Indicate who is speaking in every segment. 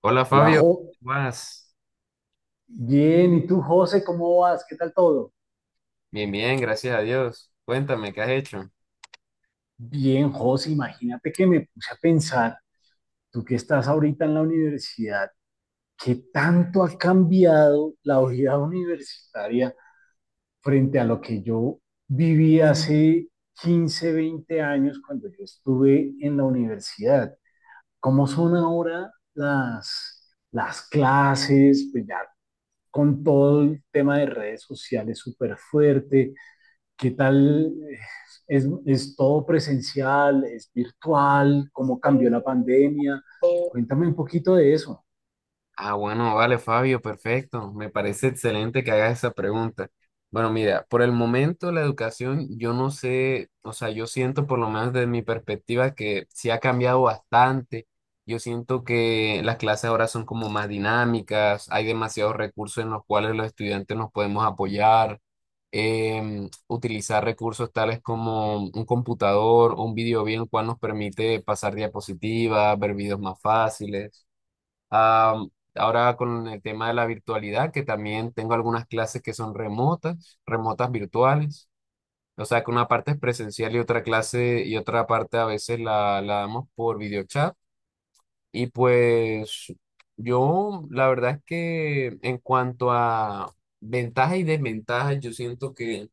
Speaker 1: Hola,
Speaker 2: Hola,
Speaker 1: Fabio,
Speaker 2: Jo.
Speaker 1: ¿cómo vas?
Speaker 2: Bien, ¿y tú, José, cómo vas? ¿Qué tal todo?
Speaker 1: Bien, bien, gracias a Dios. Cuéntame, ¿qué has hecho?
Speaker 2: Bien, José, imagínate que me puse a pensar, tú que estás ahorita en la universidad, ¿qué tanto ha cambiado la vida universitaria frente a lo que yo viví hace 15, 20 años cuando yo estuve en la universidad? ¿Cómo son ahora las clases? Pues ya con todo el tema de redes sociales súper fuerte. ¿Qué tal? Es todo presencial, es virtual, cómo cambió la pandemia. Cuéntame un poquito de eso
Speaker 1: Bueno, vale, Fabio, perfecto. Me parece excelente que hagas esa pregunta. Bueno, mira, por el momento la educación, yo no sé, o sea, yo siento por lo menos desde mi perspectiva que sí ha cambiado bastante. Yo siento que las clases ahora son como más dinámicas, hay demasiados recursos en los cuales los estudiantes nos podemos apoyar, utilizar recursos tales como un computador, un video bien, el cual nos permite pasar diapositivas, ver videos más fáciles. Ah, ahora con el tema de la virtualidad, que también tengo algunas clases que son remotas, remotas virtuales. O sea, que una parte es presencial y otra clase y otra parte a veces la damos por videochat. Y pues yo, la verdad es que en cuanto a ventajas y desventajas, yo siento que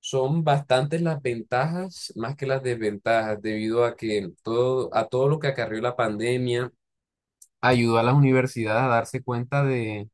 Speaker 1: son bastantes las ventajas más que las desventajas, debido a que todo, a todo lo que acarrió la pandemia ayudó a las universidades a darse cuenta de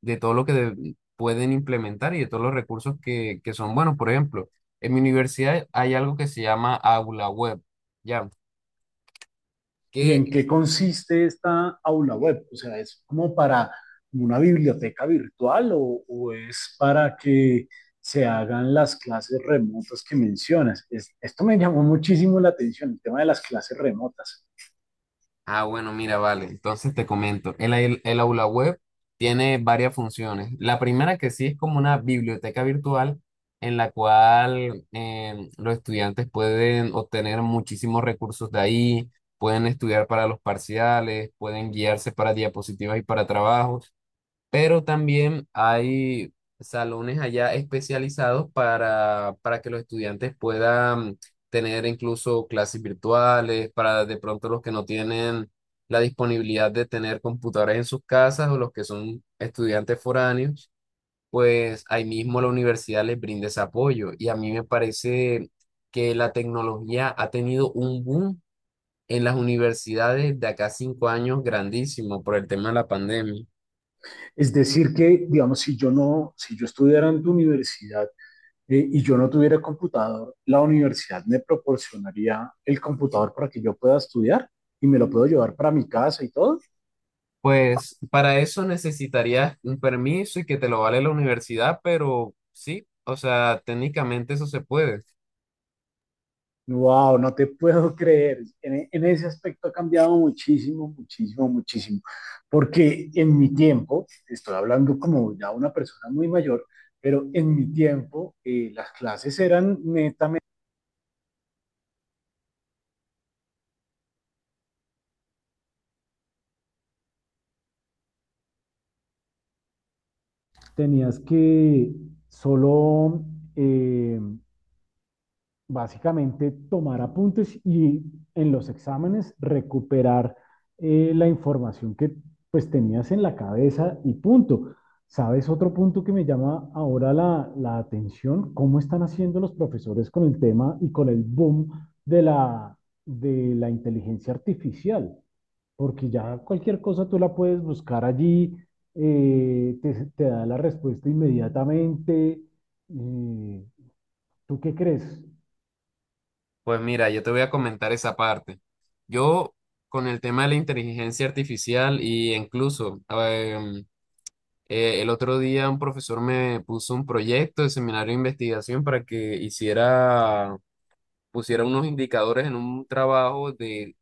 Speaker 1: de todo lo que pueden implementar y de todos los recursos que son buenos. Por ejemplo, en mi universidad hay algo que se llama aula web, ¿ya?
Speaker 2: y
Speaker 1: Que,
Speaker 2: en qué consiste esta aula web. O sea, ¿es como para una biblioteca virtual o es para que se hagan las clases remotas que mencionas? Es, esto me llamó muchísimo la atención, el tema de las clases remotas.
Speaker 1: bueno, mira, vale, entonces te comento, el aula web tiene varias funciones. La primera que sí es como una biblioteca virtual en la cual los estudiantes pueden obtener muchísimos recursos de ahí, pueden estudiar para los parciales, pueden guiarse para diapositivas y para trabajos. Pero también hay salones allá especializados para que los estudiantes puedan tener incluso clases virtuales, para de pronto los que no tienen la disponibilidad de tener computadores en sus casas o los que son estudiantes foráneos, pues ahí mismo la universidad les brinda ese apoyo. Y a mí me parece que la tecnología ha tenido un boom en las universidades de acá a 5 años grandísimo por el tema de la pandemia.
Speaker 2: Es decir, que, digamos, si yo estudiara en tu universidad, y yo no tuviera computador, la universidad me proporcionaría el computador para que yo pueda estudiar y me lo puedo llevar para mi casa y todo.
Speaker 1: Pues para eso necesitarías un permiso y que te lo vale la universidad, pero sí, o sea, técnicamente eso se puede.
Speaker 2: Wow, no te puedo creer. En ese aspecto ha cambiado muchísimo, muchísimo, muchísimo. Porque en mi tiempo, estoy hablando como ya una persona muy mayor, pero en mi tiempo las clases eran netamente... Tenías que solo eh, básicamente tomar apuntes y en los exámenes recuperar la información que pues tenías en la cabeza y punto. ¿Sabes otro punto que me llama ahora la atención? ¿Cómo están haciendo los profesores con el tema y con el boom de la, de la inteligencia artificial? Porque ya cualquier cosa tú la puedes buscar allí, te da la respuesta inmediatamente. Eh, ¿Tú qué crees?
Speaker 1: Pues mira, yo te voy a comentar esa parte. Yo con el tema de la inteligencia artificial y incluso el otro día un profesor me puso un proyecto de seminario de investigación para que hiciera, pusiera unos indicadores en un trabajo de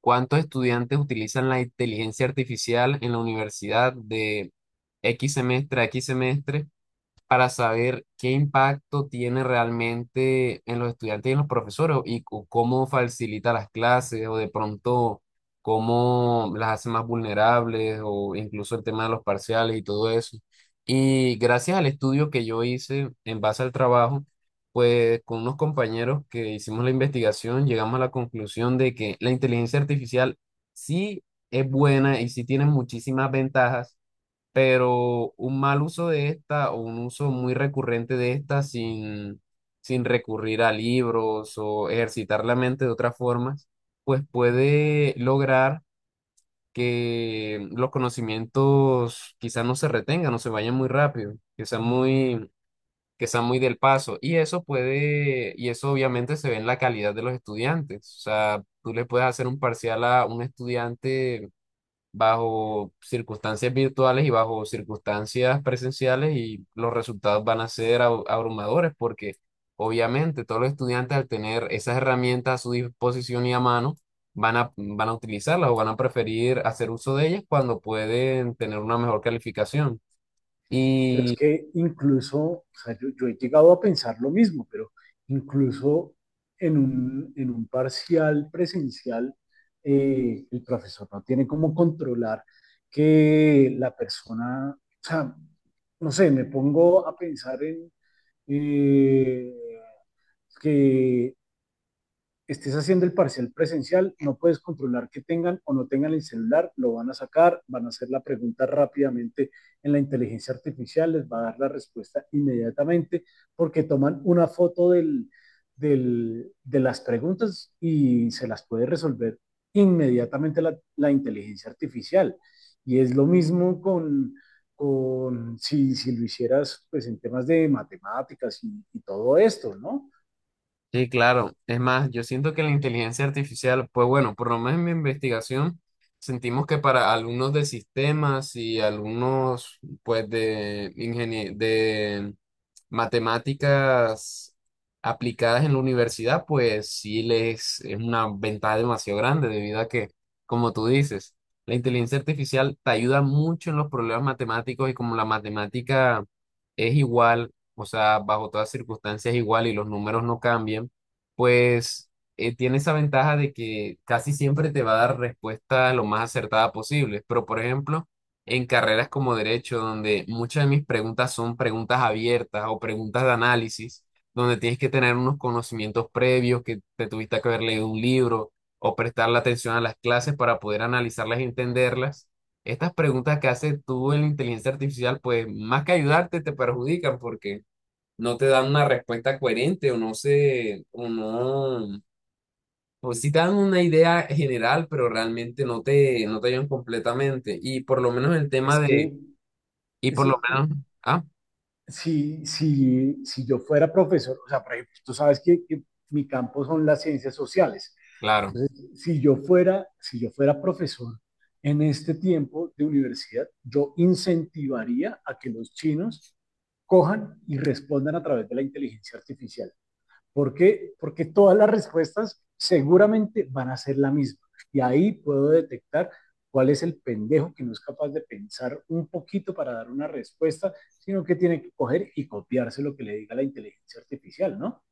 Speaker 1: ¿cuántos estudiantes utilizan la inteligencia artificial en la universidad de X semestre a X semestre? Para saber qué impacto tiene realmente en los estudiantes y en los profesores y cómo facilita las clases o de pronto cómo las hace más vulnerables o incluso el tema de los parciales y todo eso. Y gracias al estudio que yo hice en base al trabajo, pues con unos compañeros que hicimos la investigación, llegamos a la conclusión de que la inteligencia artificial sí es buena y sí tiene muchísimas ventajas, pero un mal uso de esta o un uso muy recurrente de esta sin recurrir a libros o ejercitar la mente de otras formas, pues puede lograr que los conocimientos quizás no se retengan o se vayan muy rápido, que sean muy del paso. Y eso puede, y eso obviamente se ve en la calidad de los estudiantes. O sea, tú le puedes hacer un parcial a un estudiante bajo circunstancias virtuales y bajo circunstancias presenciales y los resultados van a ser abrumadores porque obviamente todos los estudiantes al tener esas herramientas a su disposición y a mano van a utilizarlas o van a preferir hacer uso de ellas cuando pueden tener una mejor calificación.
Speaker 2: Pero es que incluso, o sea, yo he llegado a pensar lo mismo, pero incluso en un parcial presencial, el profesor no tiene cómo controlar que la persona, o sea, no sé, me pongo a pensar en eh, que estés haciendo el parcial presencial, no puedes controlar que tengan o no tengan el celular, lo van a sacar, van a hacer la pregunta rápidamente en la inteligencia artificial, les va a dar la respuesta inmediatamente porque toman una foto de las preguntas y se las puede resolver inmediatamente la inteligencia artificial. Y es lo mismo con si, si, lo hicieras pues en temas de matemáticas y todo esto, ¿no?
Speaker 1: Sí, claro. Es más, yo siento que la inteligencia artificial, pues bueno, por lo menos en mi investigación, sentimos que para alumnos de sistemas y alumnos, pues, de de matemáticas aplicadas en la universidad, pues sí les es una ventaja demasiado grande debido a que, como tú dices, la inteligencia artificial te ayuda mucho en los problemas matemáticos y como la matemática es igual, o sea, bajo todas circunstancias igual y los números no cambian, pues tiene esa ventaja de que casi siempre te va a dar respuesta lo más acertada posible. Pero, por ejemplo, en carreras como derecho, donde muchas de mis preguntas son preguntas abiertas o preguntas de análisis, donde tienes que tener unos conocimientos previos, que te tuviste que haber leído un libro o prestarle atención a las clases para poder analizarlas y entenderlas. Estas preguntas que haces tú en la inteligencia artificial, pues más que ayudarte, te perjudican porque no te dan una respuesta coherente o no sé, o no, o sí te dan una idea general, pero realmente no te ayudan completamente. Y por lo menos el tema
Speaker 2: Es
Speaker 1: de,
Speaker 2: que
Speaker 1: y por
Speaker 2: es,
Speaker 1: lo menos, ah,
Speaker 2: si, si, si yo fuera profesor, o sea, por ejemplo, tú sabes que mi campo son las ciencias sociales.
Speaker 1: claro.
Speaker 2: Entonces, si yo fuera profesor en este tiempo de universidad, yo incentivaría a que los chinos cojan y respondan a través de la inteligencia artificial. ¿Por qué? Porque todas las respuestas seguramente van a ser la misma. Y ahí puedo detectar cuál es el pendejo que no es capaz de pensar un poquito para dar una respuesta, sino que tiene que coger y copiarse lo que le diga la inteligencia artificial, ¿no?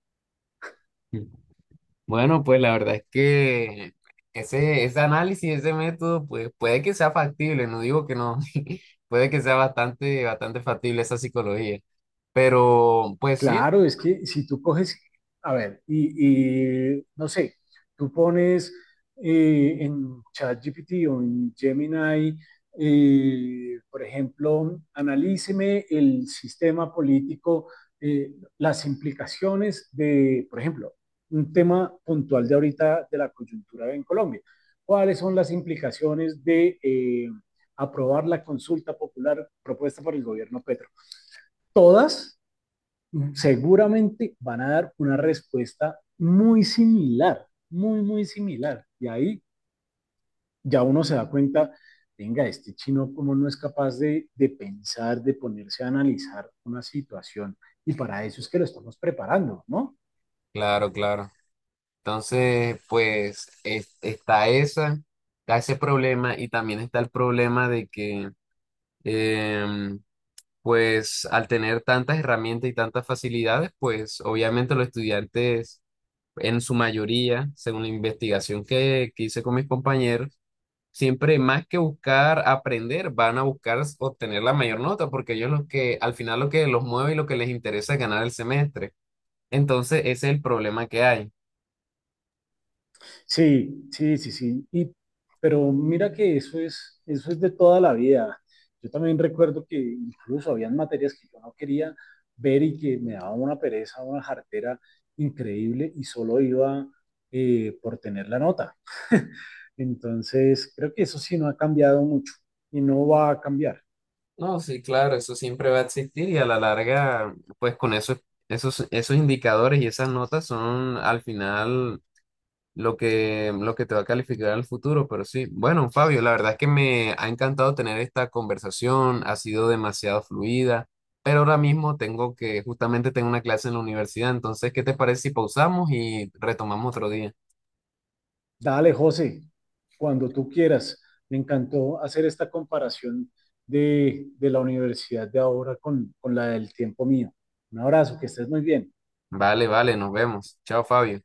Speaker 1: Bueno, pues la verdad es que ese análisis, ese método, pues puede que sea factible, no digo que no, puede que sea bastante factible esa psicología. Pero, pues sí,
Speaker 2: Claro, es que si tú coges, a ver, no sé, tú pones en ChatGPT o en Gemini, por ejemplo, analíceme el sistema político, eh, las implicaciones de, por ejemplo, un tema puntual de ahorita de la coyuntura en Colombia. ¿Cuáles son las implicaciones de aprobar la consulta popular propuesta por el gobierno Petro? Todas seguramente van a dar una respuesta muy similar, muy, muy similar. Y ahí ya uno se da cuenta, venga, este chino como no es capaz de pensar, de ponerse a analizar una situación. Y para eso es que lo estamos preparando, ¿no?
Speaker 1: claro, claro. Entonces, pues está esa, está ese problema y también está el problema de que, em, pues al tener tantas herramientas y tantas facilidades, pues obviamente los estudiantes en su mayoría, según la investigación que hice con mis compañeros, siempre más que buscar aprender, van a buscar obtener la mayor nota, porque ellos lo que al final lo que los mueve y lo que les interesa es ganar el semestre. Entonces, ese es el problema que hay.
Speaker 2: Sí, sí, sí, sí. Pero mira que eso es de toda la vida. Yo también recuerdo que incluso habían materias que yo no quería ver y que me daba una pereza, una jartera increíble y solo iba por tener la nota. Entonces, creo que eso sí no ha cambiado mucho y no va a cambiar.
Speaker 1: No, sí, claro, eso siempre va a existir y a la larga, pues con esos indicadores y esas notas son al final lo que te va a calificar al futuro. Pero sí, bueno, Fabio, la verdad es que me ha encantado tener esta conversación, ha sido demasiado fluida, pero ahora mismo justamente tengo una clase en la universidad, entonces, ¿qué te parece si pausamos y retomamos otro día?
Speaker 2: Dale, José, cuando tú quieras. Me encantó hacer esta comparación de la universidad de ahora con la del tiempo mío. Un abrazo, que estés muy bien.
Speaker 1: Vale, vale, nos vemos. Chao, Fabio.